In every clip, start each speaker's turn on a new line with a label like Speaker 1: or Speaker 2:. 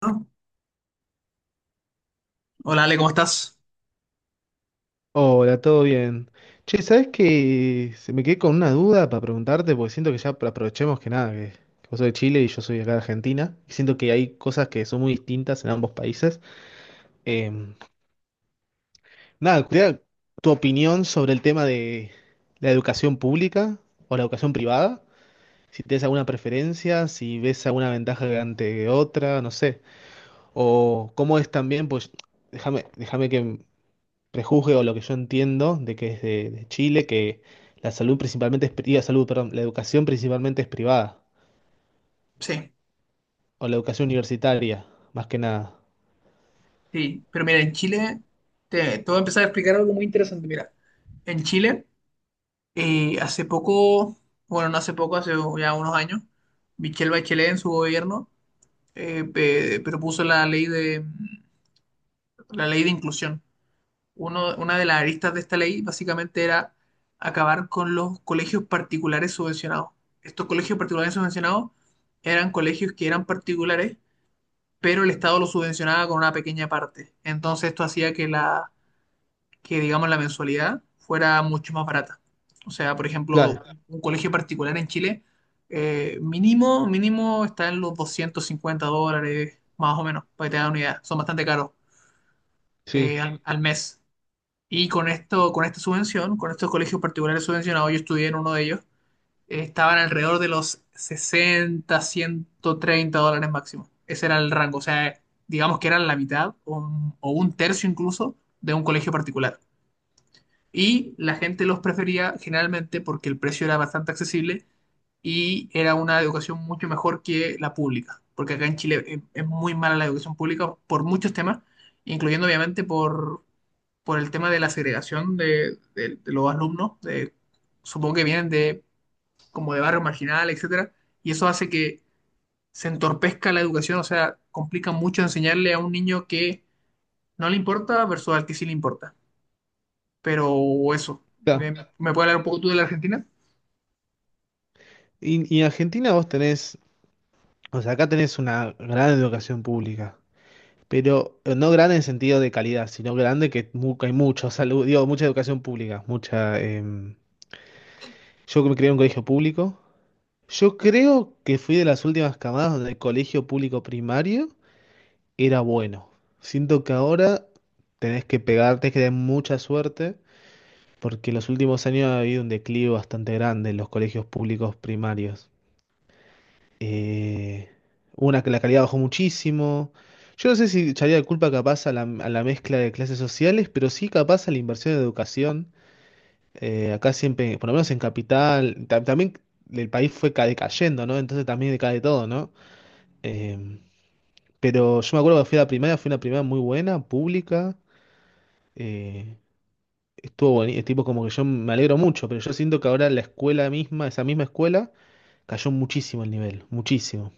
Speaker 1: ¿No? Hola Ale, ¿cómo estás?
Speaker 2: Hola, ¿todo bien? Che, ¿sabes que se me quedé con una duda para preguntarte? Porque siento que ya aprovechemos que nada, que vos sos de Chile y yo soy de acá de Argentina. Y siento que hay cosas que son muy distintas en ambos países. Em, Nada, quería tu opinión sobre el tema de la educación pública o la educación privada. Si tienes alguna preferencia, si ves alguna ventaja ante otra, no sé. O cómo es también, pues déjame que prejuzgue o lo que yo entiendo de que es de Chile, que la salud principalmente es, la salud, perdón, la educación principalmente es privada,
Speaker 1: Sí,
Speaker 2: o la educación universitaria, más que nada.
Speaker 1: sí, pero mira, en Chile te voy a empezar a explicar algo muy interesante. Mira, en Chile, hace poco, bueno, no hace poco, hace ya unos años, Michelle Bachelet en su gobierno propuso la la ley de inclusión. Una de las aristas de esta ley básicamente era acabar con los colegios particulares subvencionados. Estos colegios particulares subvencionados eran colegios que eran particulares, pero el Estado lo subvencionaba con una pequeña parte. Entonces esto hacía que, digamos, la mensualidad fuera mucho más barata. O sea, por ejemplo,
Speaker 2: Claro,
Speaker 1: un colegio particular en Chile, mínimo, mínimo está en los $250, más o menos, para que te hagan una idea. Son bastante caros
Speaker 2: sí,
Speaker 1: al mes. Y con esto, con esta subvención, con estos colegios particulares subvencionados, yo estudié en uno de ellos, estaban alrededor de los 60, $130 máximo. Ese era el rango, o sea, digamos que eran la mitad o o un tercio incluso de un colegio particular. Y la gente los prefería generalmente porque el precio era bastante accesible y era una educación mucho mejor que la pública, porque acá en Chile es muy mala la educación pública por muchos temas, incluyendo obviamente por el tema de la segregación de los alumnos, de- supongo que vienen de como de barrio marginal, etcétera, y eso hace que se entorpezca la educación. O sea, complica mucho enseñarle a un niño que no le importa versus al que sí le importa. Pero eso,
Speaker 2: claro.
Speaker 1: me puedes hablar un poco tú de la Argentina?
Speaker 2: Y en Argentina vos tenés, o sea, acá tenés una gran educación pública, pero no grande en sentido de calidad, sino grande que que hay mucho salud, digo, mucha educación pública, mucha... yo que me crié en un colegio público. Yo creo que fui de las últimas camadas donde el colegio público primario era bueno. Siento que ahora tenés que pegar, tenés que tener mucha suerte, porque en los últimos años ha habido un declive bastante grande en los colegios públicos primarios. Eh, una que la calidad bajó muchísimo. Yo no sé si echaría de culpa capaz a la mezcla de clases sociales, pero sí capaz a la inversión en educación. Acá siempre, por lo menos en Capital, también el país fue decayendo, ¿no? Entonces también decae todo, ¿no? Eh, pero yo me acuerdo que fui a la primaria, fue una primaria muy buena, pública. Eh, Estuvo bonito, tipo como que yo me alegro mucho, pero yo siento que ahora la escuela misma, esa misma escuela, cayó muchísimo el nivel, muchísimo.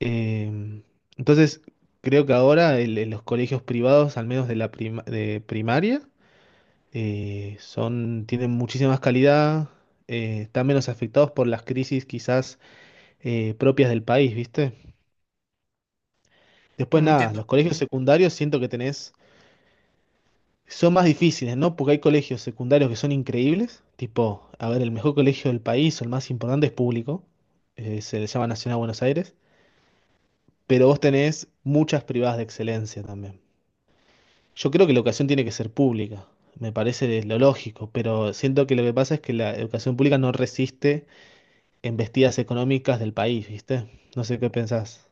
Speaker 2: Eh, entonces, creo que ahora los colegios privados, al menos de de primaria, son, tienen muchísima más calidad, están menos afectados por las crisis quizás propias del país, ¿viste? Después
Speaker 1: No
Speaker 2: nada,
Speaker 1: entiendo.
Speaker 2: los colegios secundarios siento que tenés... Son más difíciles, ¿no? Porque hay colegios secundarios que son increíbles, tipo, a ver, el mejor colegio del país o el más importante es público, se le llama Nacional Buenos Aires, pero vos tenés muchas privadas de excelencia también. Yo creo que la educación tiene que ser pública, me parece lo lógico, pero siento que lo que pasa es que la educación pública no resiste embestidas económicas del país, ¿viste? No sé qué pensás.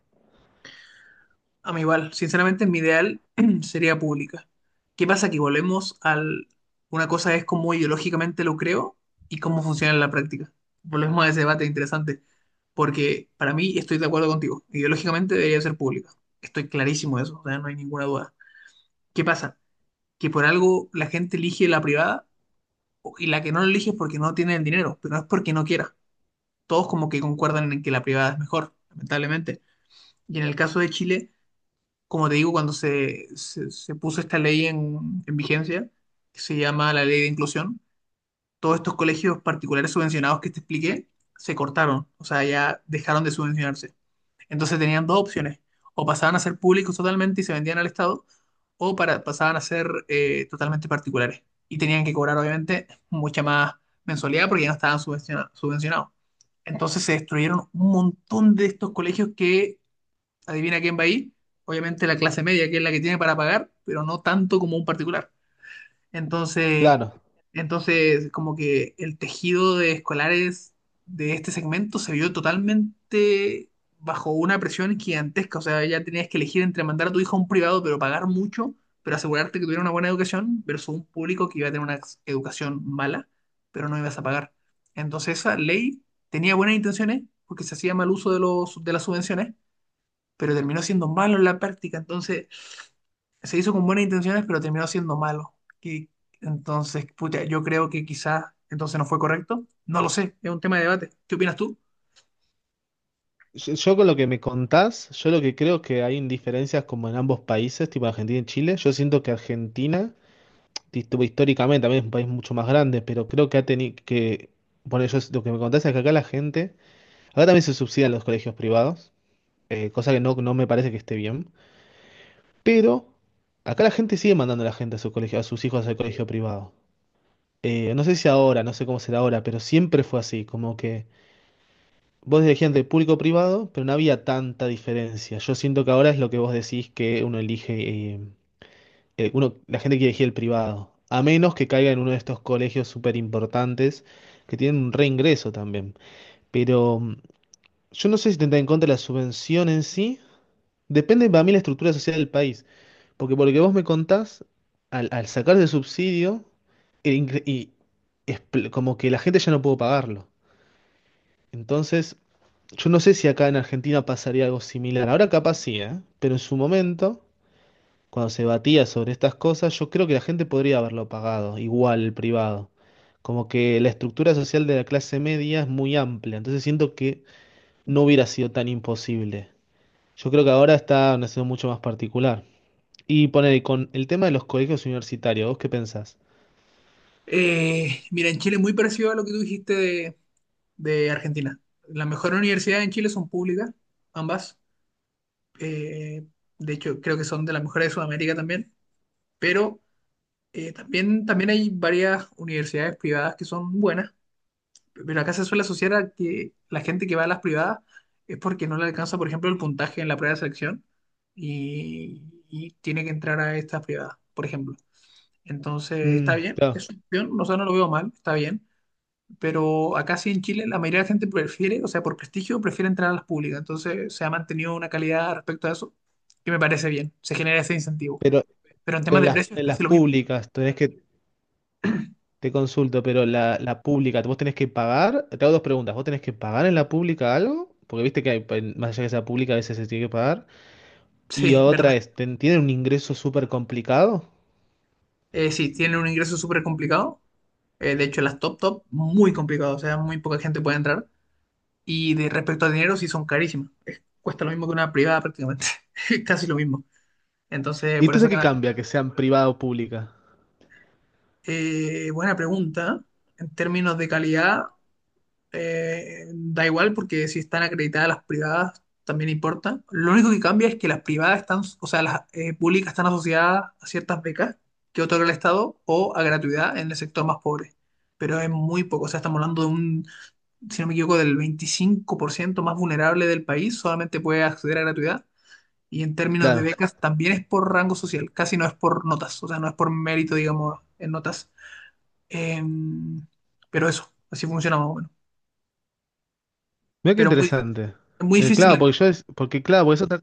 Speaker 1: A mí igual, sinceramente mi ideal sería pública. ¿Qué pasa? Que volvemos al... Una cosa es cómo ideológicamente lo creo y cómo funciona en la práctica. Volvemos a ese debate interesante, porque para mí estoy de acuerdo contigo. Ideológicamente debería ser pública. Estoy clarísimo de eso, o sea, no hay ninguna duda. ¿Qué pasa? Que por algo la gente elige la privada o- y la que no la elige es porque no tiene el dinero, pero no es porque no quiera. Todos como que concuerdan en que la privada es mejor, lamentablemente. Y en el caso de Chile, como te digo, cuando se puso esta ley en vigencia, que se llama la ley de inclusión, todos estos colegios particulares subvencionados que te expliqué se cortaron, o sea, ya dejaron de subvencionarse. Entonces tenían dos opciones: o pasaban a ser públicos totalmente y se vendían al Estado, o pasaban a ser totalmente particulares. Y tenían que cobrar, obviamente, mucha más mensualidad porque ya no estaban subvenciona- subvencionados. Entonces se destruyeron un montón de estos colegios que, adivina quién va ahí, obviamente la clase media, que es la que tiene para pagar, pero no tanto como un particular. Entonces,
Speaker 2: Claro.
Speaker 1: entonces como que el tejido de escolares de este segmento se vio totalmente bajo una presión gigantesca. O sea, ya tenías que elegir entre mandar a tu hijo a un privado, pero pagar mucho, pero asegurarte que tuviera una buena educación, versus un público que iba a tener una ex- educación mala, pero no ibas a pagar. Entonces, esa ley tenía buenas intenciones porque se hacía mal uso de las subvenciones, pero terminó siendo malo en la práctica. Entonces, se hizo con buenas intenciones, pero terminó siendo malo. Y entonces, puta, yo creo que quizás entonces no fue correcto. No lo sé, es un tema de debate. ¿Qué opinas tú?
Speaker 2: Yo con lo que me contás, yo lo que creo que hay indiferencias como en ambos países, tipo Argentina y Chile, yo siento que Argentina tipo, históricamente también es un país mucho más grande, pero creo que ha tenido que, por eso lo que me contás es que acá la gente, acá también se subsidian los colegios privados, cosa que no, no me parece que esté bien, pero acá la gente sigue mandando a la gente a su colegio, a sus hijos al colegio privado. No sé si ahora, no sé cómo será ahora, pero siempre fue así, como que vos elegías entre público privado, pero no había tanta diferencia. Yo siento que ahora es lo que vos decís que uno elige, uno, la gente quiere elegir el privado, a menos que caiga en uno de estos colegios súper importantes que tienen un reingreso también. Pero yo no sé si tendrá en contra la subvención en sí. Depende para mí la estructura social del país. Porque por lo que vos me contás, al sacar ese subsidio, el ingre- y expl- como que la gente ya no pudo pagarlo. Entonces, yo no sé si acá en Argentina pasaría algo similar. Ahora capaz sí, ¿eh? Pero en su momento cuando se batía sobre estas cosas, yo creo que la gente podría haberlo pagado, igual el privado. Como que la estructura social de la clase media es muy amplia, entonces siento que no hubiera sido tan imposible. Yo creo que ahora está una situación mucho más particular. Y poner y con el tema de los colegios universitarios, ¿vos qué pensás?
Speaker 1: Mira, en Chile es muy parecido a lo que tú dijiste de Argentina. Las mejores universidades en Chile son públicas, ambas. Eh, de hecho, creo que son de las mejores de Sudamérica también. Pero también hay varias universidades privadas que son buenas. Pero acá se suele asociar a que la gente que va a las privadas es porque no le alcanza, por ejemplo, el puntaje en la prueba de selección y tiene que entrar a estas privadas, por ejemplo. Entonces, está
Speaker 2: Mm,
Speaker 1: bien,
Speaker 2: claro,
Speaker 1: es una opción, o sea, no lo veo mal, está bien. Pero acá sí en Chile la mayoría de la gente prefiere, o sea, por prestigio, prefiere entrar a las públicas. Entonces, se ha mantenido una calidad respecto a eso que me parece bien, se genera ese incentivo.
Speaker 2: pero,
Speaker 1: Pero en temas de precios es
Speaker 2: en las
Speaker 1: casi lo mismo.
Speaker 2: públicas, tenés que, te consulto, pero la pública, ¿vos tenés que pagar? Te hago dos preguntas, ¿vos tenés que pagar en la pública algo? Porque viste que hay, más allá que sea pública, a veces se tiene que pagar. Y
Speaker 1: Sí,
Speaker 2: otra
Speaker 1: verdad.
Speaker 2: es, tienen un ingreso súper complicado.
Speaker 1: Sí, tienen un ingreso súper complicado. De hecho, las top top, muy complicado. O sea, muy poca gente puede entrar. Y de respecto a dinero, sí son carísimas. Cuesta lo mismo que una privada prácticamente. Casi lo mismo. Entonces,
Speaker 2: ¿Y
Speaker 1: por eso
Speaker 2: entonces
Speaker 1: que...
Speaker 2: qué
Speaker 1: nada.
Speaker 2: cambia que sean privada o pública?
Speaker 1: Buena pregunta. En términos de calidad, da igual porque si están acreditadas las privadas también importa. Lo único que cambia es que las privadas están, o sea, las públicas están asociadas a ciertas becas que otorga el Estado o a gratuidad en el sector más pobre. Pero es muy poco, o sea, estamos hablando de un, si no me equivoco, del 25% más vulnerable del país, solamente puede acceder a gratuidad. Y en términos de
Speaker 2: Claro.
Speaker 1: becas también es por rango social, casi no es por notas, o sea, no es por mérito, digamos, en notas. Em, pero eso, así funciona más o menos.
Speaker 2: Mira qué
Speaker 1: Pero muy,
Speaker 2: interesante.
Speaker 1: muy difícil
Speaker 2: Claro, porque
Speaker 1: entender.
Speaker 2: porque claro, porque eso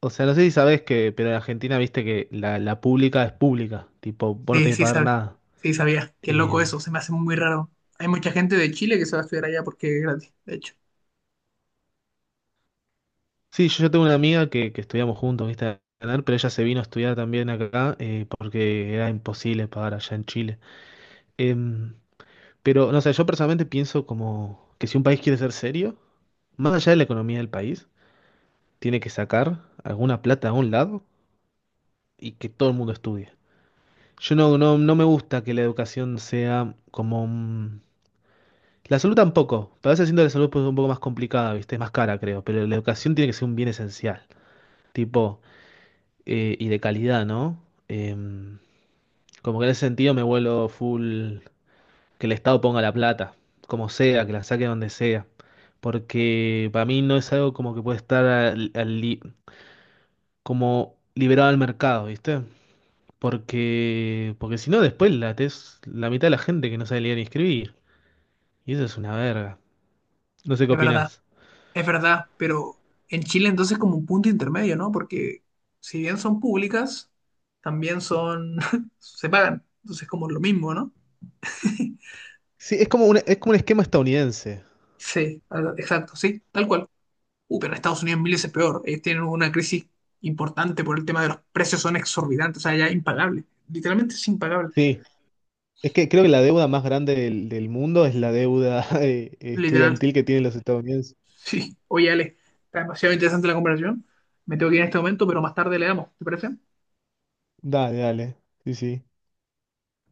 Speaker 2: o sea, no sé si sabes que, pero en Argentina viste que la pública es pública, tipo, vos no
Speaker 1: Sí,
Speaker 2: tenés que
Speaker 1: sí
Speaker 2: pagar
Speaker 1: sabía.
Speaker 2: nada.
Speaker 1: Sí sabía. Qué loco
Speaker 2: Eh,
Speaker 1: eso. Se me hace muy raro. Hay mucha gente de Chile que se va a estudiar allá porque es gratis, de hecho.
Speaker 2: sí, yo tengo una amiga que estudiamos juntos, viste, a ganar, pero ella se vino a estudiar también acá, porque era imposible pagar allá en Chile. Em, pero, no sé, yo personalmente pienso como que si un país quiere ser serio, más allá de la economía del país, tiene que sacar alguna plata a un lado y que todo el mundo estudie. Yo no me gusta que la educación sea como... un- La salud tampoco, pero a veces siento que la salud pues, un poco más complicada, ¿viste? Es más cara, creo, pero la educación tiene que ser un bien esencial, tipo, y de calidad, ¿no? Em, Como que en ese sentido me vuelo full, que el Estado ponga la plata, como sea, que la saque donde sea, porque para mí no es algo como que puede estar como liberado al mercado, ¿viste? Porque, porque si no, después la es la mitad de la gente que no sabe leer ni escribir. Y eso es una verga. No sé qué
Speaker 1: Es verdad.
Speaker 2: opinás.
Speaker 1: Es verdad. Pero en Chile entonces como un punto intermedio, ¿no? Porque si bien son públicas, también son... se pagan. Entonces como lo mismo, ¿no?
Speaker 2: Sí, es como un esquema estadounidense.
Speaker 1: Sí, ah, exacto, sí, tal cual. Pero en Estados Unidos mil veces peor. Ellos tienen una crisis importante por el tema de los precios, son exorbitantes, o sea, ya impagable. Literalmente es impagable.
Speaker 2: Sí, es que creo que la deuda más grande del mundo es la deuda
Speaker 1: Literal.
Speaker 2: estudiantil que tienen los estadounidenses.
Speaker 1: Sí, oye Ale, está demasiado interesante la conversación. Me tengo que ir en este momento, pero más tarde le damos, ¿te parece?
Speaker 2: Dale, dale. Sí, sí.